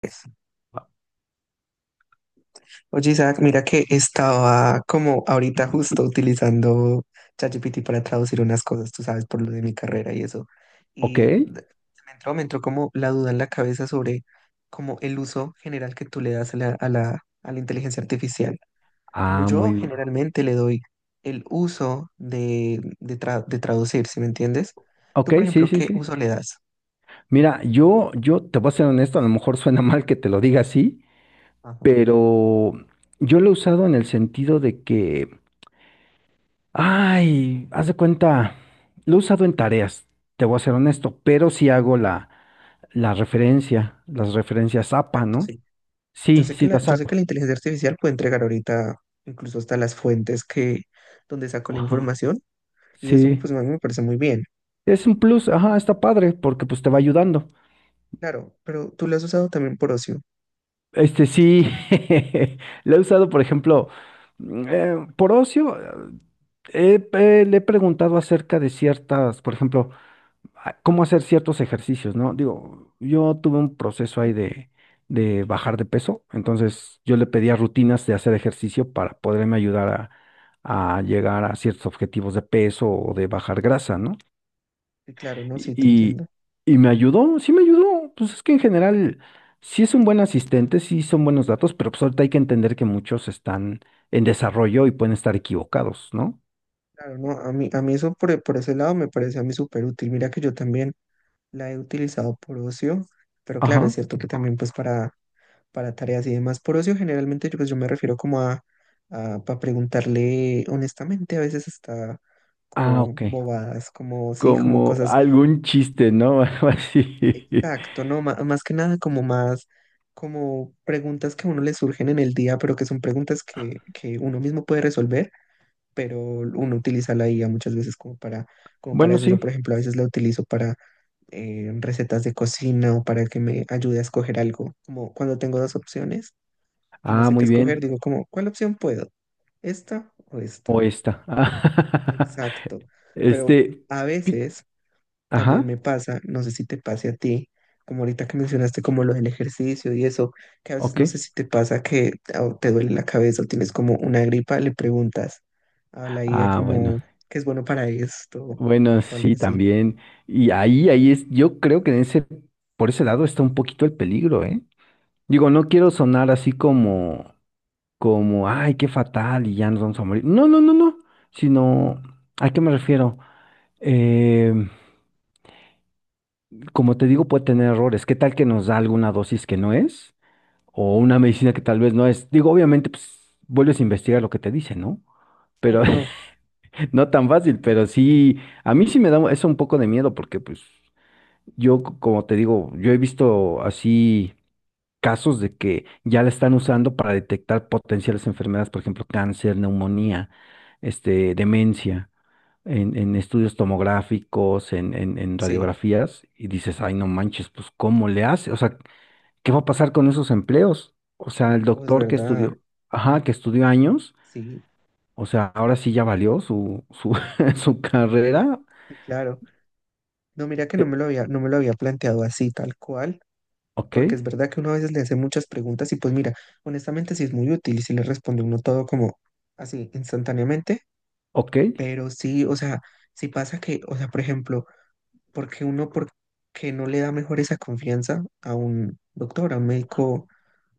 Pues, Oye, Isaac, mira que estaba como ahorita justo utilizando ChatGPT para traducir unas cosas, tú sabes, por lo de mi carrera y eso. Ok. Y de- me entró como la duda en la cabeza sobre como el uso general que tú le das a la inteligencia artificial. Como Ah, muy yo bien. generalmente le doy el uso de, de traducir, ¿sí me entiendes? Tú, Ok, por sí, ejemplo, sí, ¿qué sí. uso le das? Mira, yo te voy a ser honesto, a lo mejor suena mal que te lo diga así, Ajá, pero yo lo he usado en el sentido de que, ay, haz de cuenta, lo he usado en tareas, te voy a ser honesto, pero sí hago la referencia, las referencias APA, exacto, ¿no? sí. Sí, sí las Yo sé que hago. la inteligencia artificial puede entregar ahorita incluso hasta las donde sacó la Ajá. información, y eso Sí. pues a mí me parece muy bien. Es un plus, ajá, está padre, porque pues te va ayudando. Claro, pero tú lo has usado también por ocio. Este sí, lo he usado, por ejemplo, por ocio, eh, le he preguntado acerca de ciertas, por ejemplo, cómo hacer ciertos ejercicios, ¿no? Digo, yo tuve un proceso ahí ¿M? De bajar de peso, entonces yo le pedía rutinas de hacer ejercicio para poderme ayudar a llegar a ciertos objetivos de peso o de bajar grasa, ¿no? Y claro, no, Y, sí, te y- entiendo. y me ayudó, sí me ayudó. Pues es que en general sí es un buen asistente, sí son buenos datos, pero pues ahorita hay que entender que muchos están en desarrollo y pueden estar equivocados, ¿no? Claro, no, a mí eso por ese lado me parece a mí súper útil. Mira que yo también la he utilizado por ocio, pero claro, es Ajá. cierto que también para tareas y demás. Por ocio generalmente yo, pues, yo me refiero como a para preguntarle honestamente, a veces está Ah, como ok. bobadas, como sí, como Como cosas. algún chiste, ¿no? Algo así. Exacto, no, más que nada como más, como preguntas que a uno le surgen en el día, pero que son que uno mismo puede resolver, pero uno utiliza la IA muchas veces como como para Bueno, eso. Yo, por sí. ejemplo, a veces la utilizo para recetas de cocina o para que me ayude a escoger algo. Como cuando tengo dos opciones y no Ah, sé qué muy escoger, bien. digo como, ¿cuál opción puedo? ¿Esta o esta? O esta. Exacto. Pero Este. a pi- veces también Ajá. me pasa, no sé si te pase a ti, como ahorita que mencionaste como lo del ejercicio y eso, que a veces Ok. no sé si te pasa que ah, te duele la cabeza o tienes como una gripa, le preguntas a la IA Ah, bueno. como qué es bueno para esto Bueno, o algo sí, así. también. Y ahí, ahí es, yo creo que en ese, por ese lado está un poquito el peligro, ¿eh? Digo, no quiero Sí, sonar así como, como, ay, qué fatal y ya nos vamos a morir. No, no, no, no. Sino, ¿a qué me refiero? Eh, Como te digo, puede tener errores. ¿Qué tal que nos da alguna dosis que no es? O una medicina que tal vez no es. Digo, obviamente, pues, vuelves a investigar lo que te dice, ¿no? Pero claro, no. no tan fácil, Ok, pero sí, a mí sí me da eso un poco de miedo porque, pues. Yo, como te digo, yo he visto así casos de que ya la están usando para detectar potenciales enfermedades, por ejemplo, cáncer, neumonía, este, demencia, en estudios tomográficos, en sí, radiografías, y dices, ay, no manches, pues, ¿cómo le hace? O sea, ¿qué va a pasar con esos empleos? O sea, el oh, es doctor que verdad, estudió, ajá, que estudió años, sí, o sea, ahora sí ya valió su carrera. sí, claro. No, mira que Eh, no me lo había planteado así, tal cual, ok, porque es verdad que uno a veces le hace muchas preguntas y pues mira, honestamente sí es muy útil y si le responde uno todo como así instantáneamente. ok. Pero sí, o sea, si pasa que, o sea, por ejemplo, porque uno porque no le da mejor esa confianza a un doctor, a un médico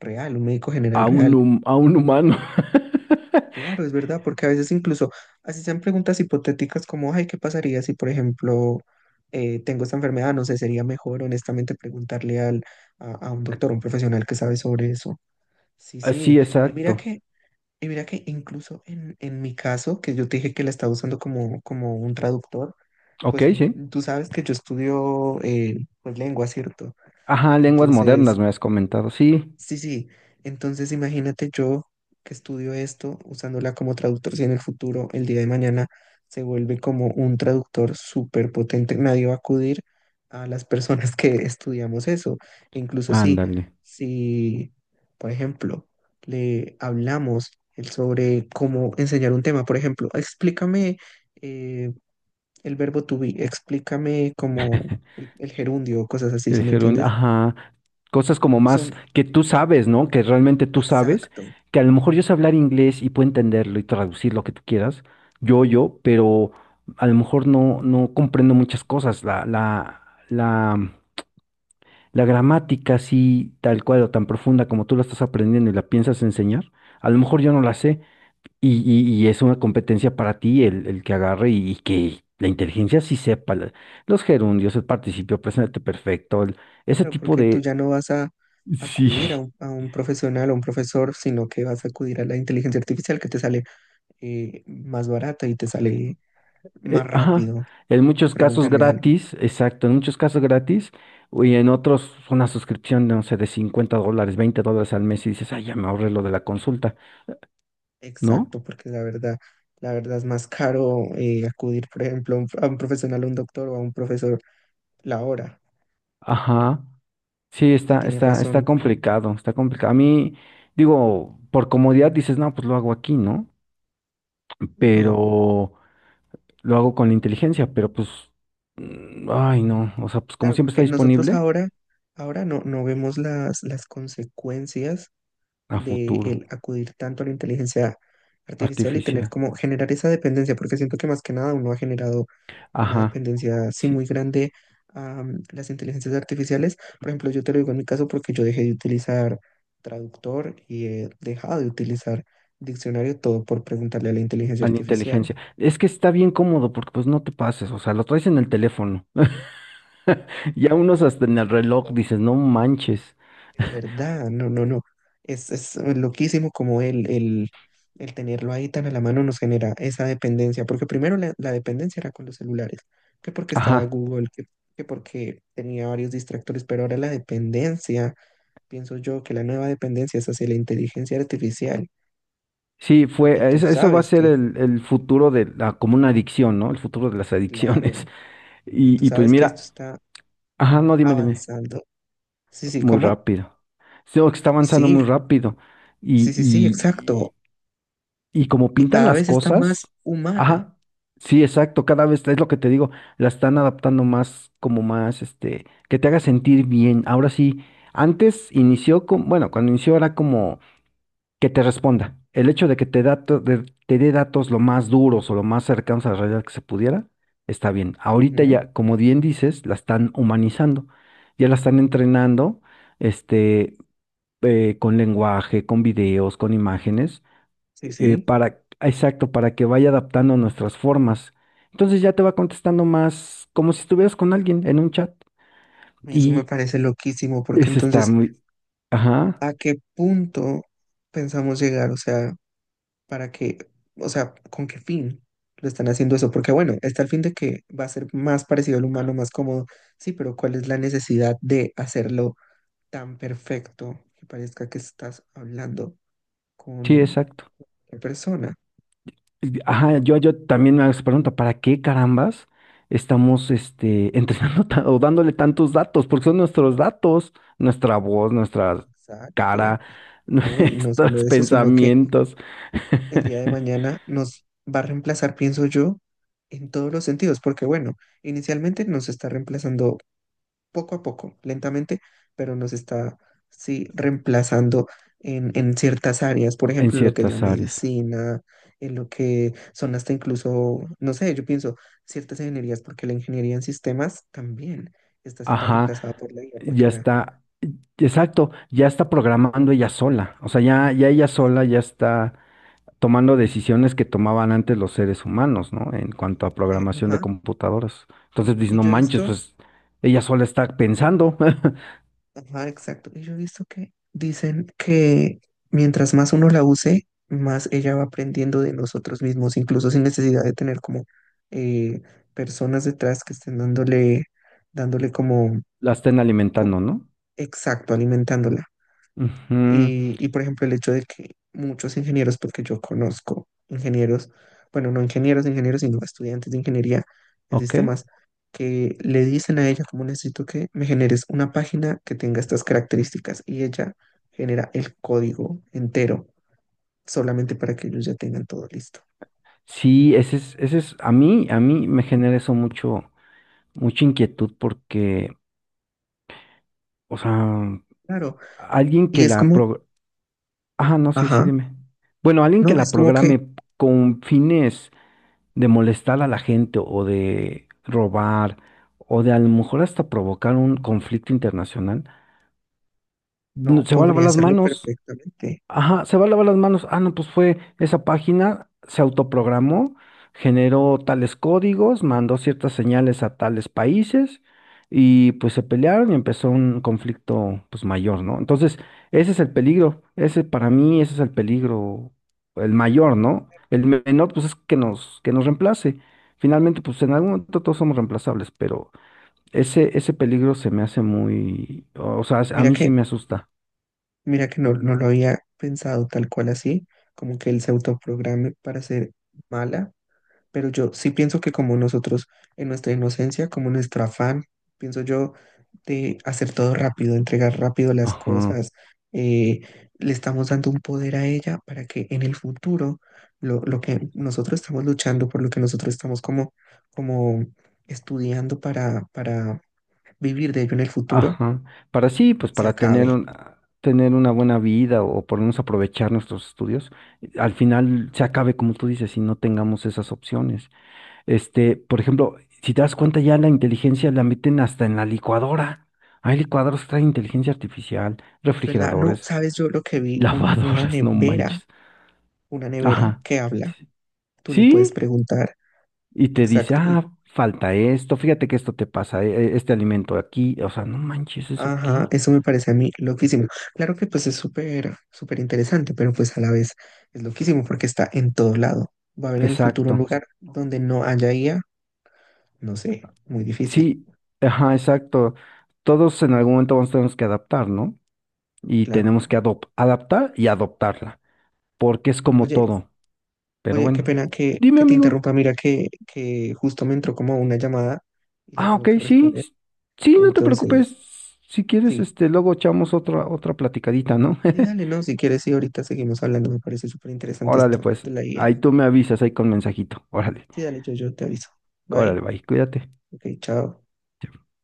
real, un médico general A un, real. A un humano. Claro, es verdad, porque a veces incluso así sean preguntas hipotéticas como, ay, ¿qué pasaría si, por ejemplo, tengo esta enfermedad? No sé, sería mejor honestamente preguntarle al, a un doctor, un profesional que sabe sobre eso. Sí, Ah, sí, sí. Exacto. Y mira que incluso en mi caso, que yo te dije que la estaba usando como, como un traductor, Ok, pues sí. tú sabes que yo estudio pues lengua, ¿cierto? Ajá. Ajá, lenguas Entonces, modernas me has comentado. Sí, sí, sí. Entonces imagínate yo que estudio esto usándola como traductor, si en el futuro, el día de mañana, se vuelve como un traductor súper potente, nadie va a acudir a las personas que estudiamos eso. E incluso si, ándale. si, por ejemplo, le hablamos sobre cómo enseñar un tema, por ejemplo, explícame eh, el verbo to be, explícame como el gerundio, cosas así, El ¿si me gerundio, entiendes? ajá. Cosas como más Son que tú sabes, ¿no? Que realmente tú sabes. exacto. Que a lo mejor yo sé hablar inglés y puedo entenderlo y traducir lo que tú quieras. Pero a lo mejor no, no comprendo muchas cosas. La, la gramática, así, tal cual o tan profunda como tú la estás aprendiendo y la piensas enseñar. A lo mejor yo no la sé. Y es una competencia para ti el que agarre y que la inteligencia sí sepa los gerundios, el participio presente perfecto, ese Claro, tipo porque tú de... ya no vas a Sí, acudir a un profesional o un profesor, sino que vas a acudir a la inteligencia artificial que te sale más barata y te sale más ajá. rápido En que muchos casos preguntarle a alguien. gratis, exacto, en muchos casos gratis, y en otros una suscripción, no sé, de $50, $20 al mes y dices, ay, ya me ahorré lo de la consulta, ¿no? Exacto, porque la verdad es más caro acudir, por ejemplo, a un profesional, a un doctor o a un profesor la hora. Ajá. Sí, Si tienes está razón. complicado, está complicado. A mí, digo, por comodidad dices, no, pues lo hago aquí, ¿no? No, Pero lo hago con la inteligencia, pero pues, ay no, o sea, pues como claro, siempre está porque nosotros disponible, ahora, ahora no, no vemos las consecuencias a de futuro, el acudir tanto a la inteligencia artificial y tener artificial, como generar esa dependencia, porque siento que más que nada uno ha generado una ajá, dependencia así sí, muy grande a las inteligencias artificiales. Por ejemplo, yo te lo digo en mi caso porque yo dejé de utilizar traductor y he dejado de utilizar diccionario todo por preguntarle a la inteligencia a la artificial. inteligencia. Es que está bien cómodo porque pues no te pases, o sea, lo traes en el teléfono, ya unos hasta en el reloj dices, no manches, Es verdad, no, no, no. Es loquísimo como el tenerlo ahí tan a la mano nos genera esa dependencia, porque primero la dependencia era con los celulares, que porque estaba ajá, Google, que porque tenía varios distractores, pero ahora la dependencia, pienso yo que la nueva dependencia es hacia la inteligencia artificial, sí, y fue, tú eso va a sabes ser que, el futuro de la, como una adicción, ¿no? El futuro de las adicciones. claro, y tú Y, y pues sabes que esto mira, está ajá, no, dime, dime, avanzando. Sí, sí, muy ¿cómo? rápido. Sí, que está avanzando Sí, muy rápido. sí, sí, sí, Y, exacto. y como Y pintan cada las vez está cosas, más humana. ajá, sí, exacto, cada vez es lo que te digo, la están adaptando más, como más, este, que te haga sentir bien. Ahora sí, antes inició con, bueno, cuando inició era como que te responda. El hecho de que te te dé datos lo más duros o lo más cercanos a la realidad que se pudiera, está bien. Ahorita Ujú, ya, como bien dices, la están humanizando, ya la están entrenando, este, con lenguaje, con videos, con imágenes sí, sí. para, exacto, para que vaya adaptando nuestras formas. Entonces ya te va contestando más como si estuvieras con alguien en un chat. Eso me Y parece loquísimo, porque eso está entonces, muy, ajá, ¿a qué punto pensamos llegar? O sea, ¿para qué? O sea, ¿con qué fin lo están haciendo eso? Porque bueno, está el fin de que va a ser más parecido al humano, más cómodo. Sí, pero ¿cuál es la necesidad de hacerlo tan perfecto que parezca que estás hablando con sí, exacto. una persona? Y, ajá, yo también me hago esa pregunta, ¿para qué carambas estamos este, entrenando ta- o dándole tantos datos? Porque son nuestros datos, nuestra voz, nuestra cara, Exacto. No, y no solo nuestros eso, sino que pensamientos el día de mañana nos va a reemplazar, pienso yo, en todos los sentidos, porque bueno, inicialmente nos está reemplazando poco a poco, lentamente, pero nos está, sí, reemplazando en ciertas áreas, por en ejemplo, en lo que es la ciertas áreas. medicina, en lo que son hasta incluso, no sé, yo pienso, ciertas ingenierías, porque la ingeniería en sistemas también está siendo Ajá, reemplazada por la IA, ya porque la... está. Exacto, ya está programando ella sola, o sea, ya, ya ella sola ya está tomando decisiones que tomaban antes los seres humanos, ¿no? En cuanto a eh, programación de ajá, computadoras. Entonces dices, Y no yo he manches, visto pues ella sola está pensando, Ajá, exacto. Y yo he visto que dicen que mientras más uno la use, más ella va aprendiendo de nosotros mismos, incluso sin necesidad de tener como eh, personas detrás que estén dándole como, la estén como- alimentando, ¿no? exacto, alimentándola. Ujú, Por ejemplo, el hecho de que muchos ingenieros, porque yo conozco ingenieros, bueno, no ingenieros, ingenieros, sino estudiantes de ingeniería en ok, sistemas, que le dicen a ella, como necesito que me generes una página que tenga estas características, y ella genera el código entero solamente para que ellos ya tengan todo listo. sí, a mí me genera eso mucho, mucha inquietud porque, o sea, Claro, alguien y que es la como, pro... Ah, no, sí, sí, ajá, dime. Bueno, alguien que no, la es como que programe con fines de molestar a la gente o de robar o de a lo mejor hasta provocar un conflicto internacional, no, se va a lavar podría las hacerlo manos. perfectamente. Ajá, se va a lavar las manos. Ah, no, pues fue esa página, se autoprogramó, generó tales códigos, mandó ciertas señales a tales países y pues se pelearon y empezó un conflicto pues mayor, ¿no? Entonces, ese es el peligro, ese para mí, ese es el peligro, el mayor, ¿no? El menor pues es que nos reemplace. Finalmente, pues en algún momento todos somos reemplazables, pero ese peligro se me hace muy, o sea, a Mira mí sí que me asusta. Mira que no, no lo había pensado tal cual así, como que él se autoprograme para ser mala, pero yo sí pienso que como nosotros en nuestra inocencia, como nuestro afán, pienso yo de hacer todo rápido, entregar rápido las Ajá. cosas, eh, le estamos dando un poder a ella para que en el futuro lo que nosotros estamos luchando, por lo que nosotros estamos como, como estudiando para vivir de ello en el futuro, Ajá. Para sí, pues se para tener acabe. Tener una buena vida o por lo menos aprovechar nuestros estudios, al final se acabe, como tú dices, si no tengamos esas opciones. Este, por ejemplo, si te das Exacto. cuenta, ya la inteligencia la meten hasta en la licuadora. Hay licuadoras que traen inteligencia artificial, Es verdad, no, refrigeradores, sabes yo lo que vi, lavadoras, no manches. una nevera Ajá. que habla, Sí, tú le puedes sí, preguntar, y te dice, exacto, y, ah, falta esto, fíjate que esto te pasa, este alimento aquí, o sea, no manches, ¿eso ajá, qué? eso me parece a mí loquísimo. Claro que pues es súper, súper interesante, pero pues a la vez es loquísimo porque está en todo lado. ¿Va a haber en el futuro Exacto. un lugar donde no haya IA? No sé, muy difícil, Sí, ajá, exacto. Todos en algún momento vamos a tener que adaptar, ¿no? Y claro, tenemos ¿no? que adaptar y adoptarla, porque es como Oye, todo. Pero oye, qué bueno, pena dime, que te amigo. interrumpa, mira que justo me entró como una llamada y la Ah, tengo ok, que sí, responder, sí, no te preocupes. entonces, Si quieres, sí. este, luego echamos otra platicadita, ¿no? Sí, dale, no, si quieres, sí, ahorita seguimos hablando, me parece súper interesante Órale, esto pues, de la guía. ahí tú me avisas ahí con mensajito. Órale, Sí, dale, yo te aviso. órale, Bye. bye, cuídate. Ok, chao.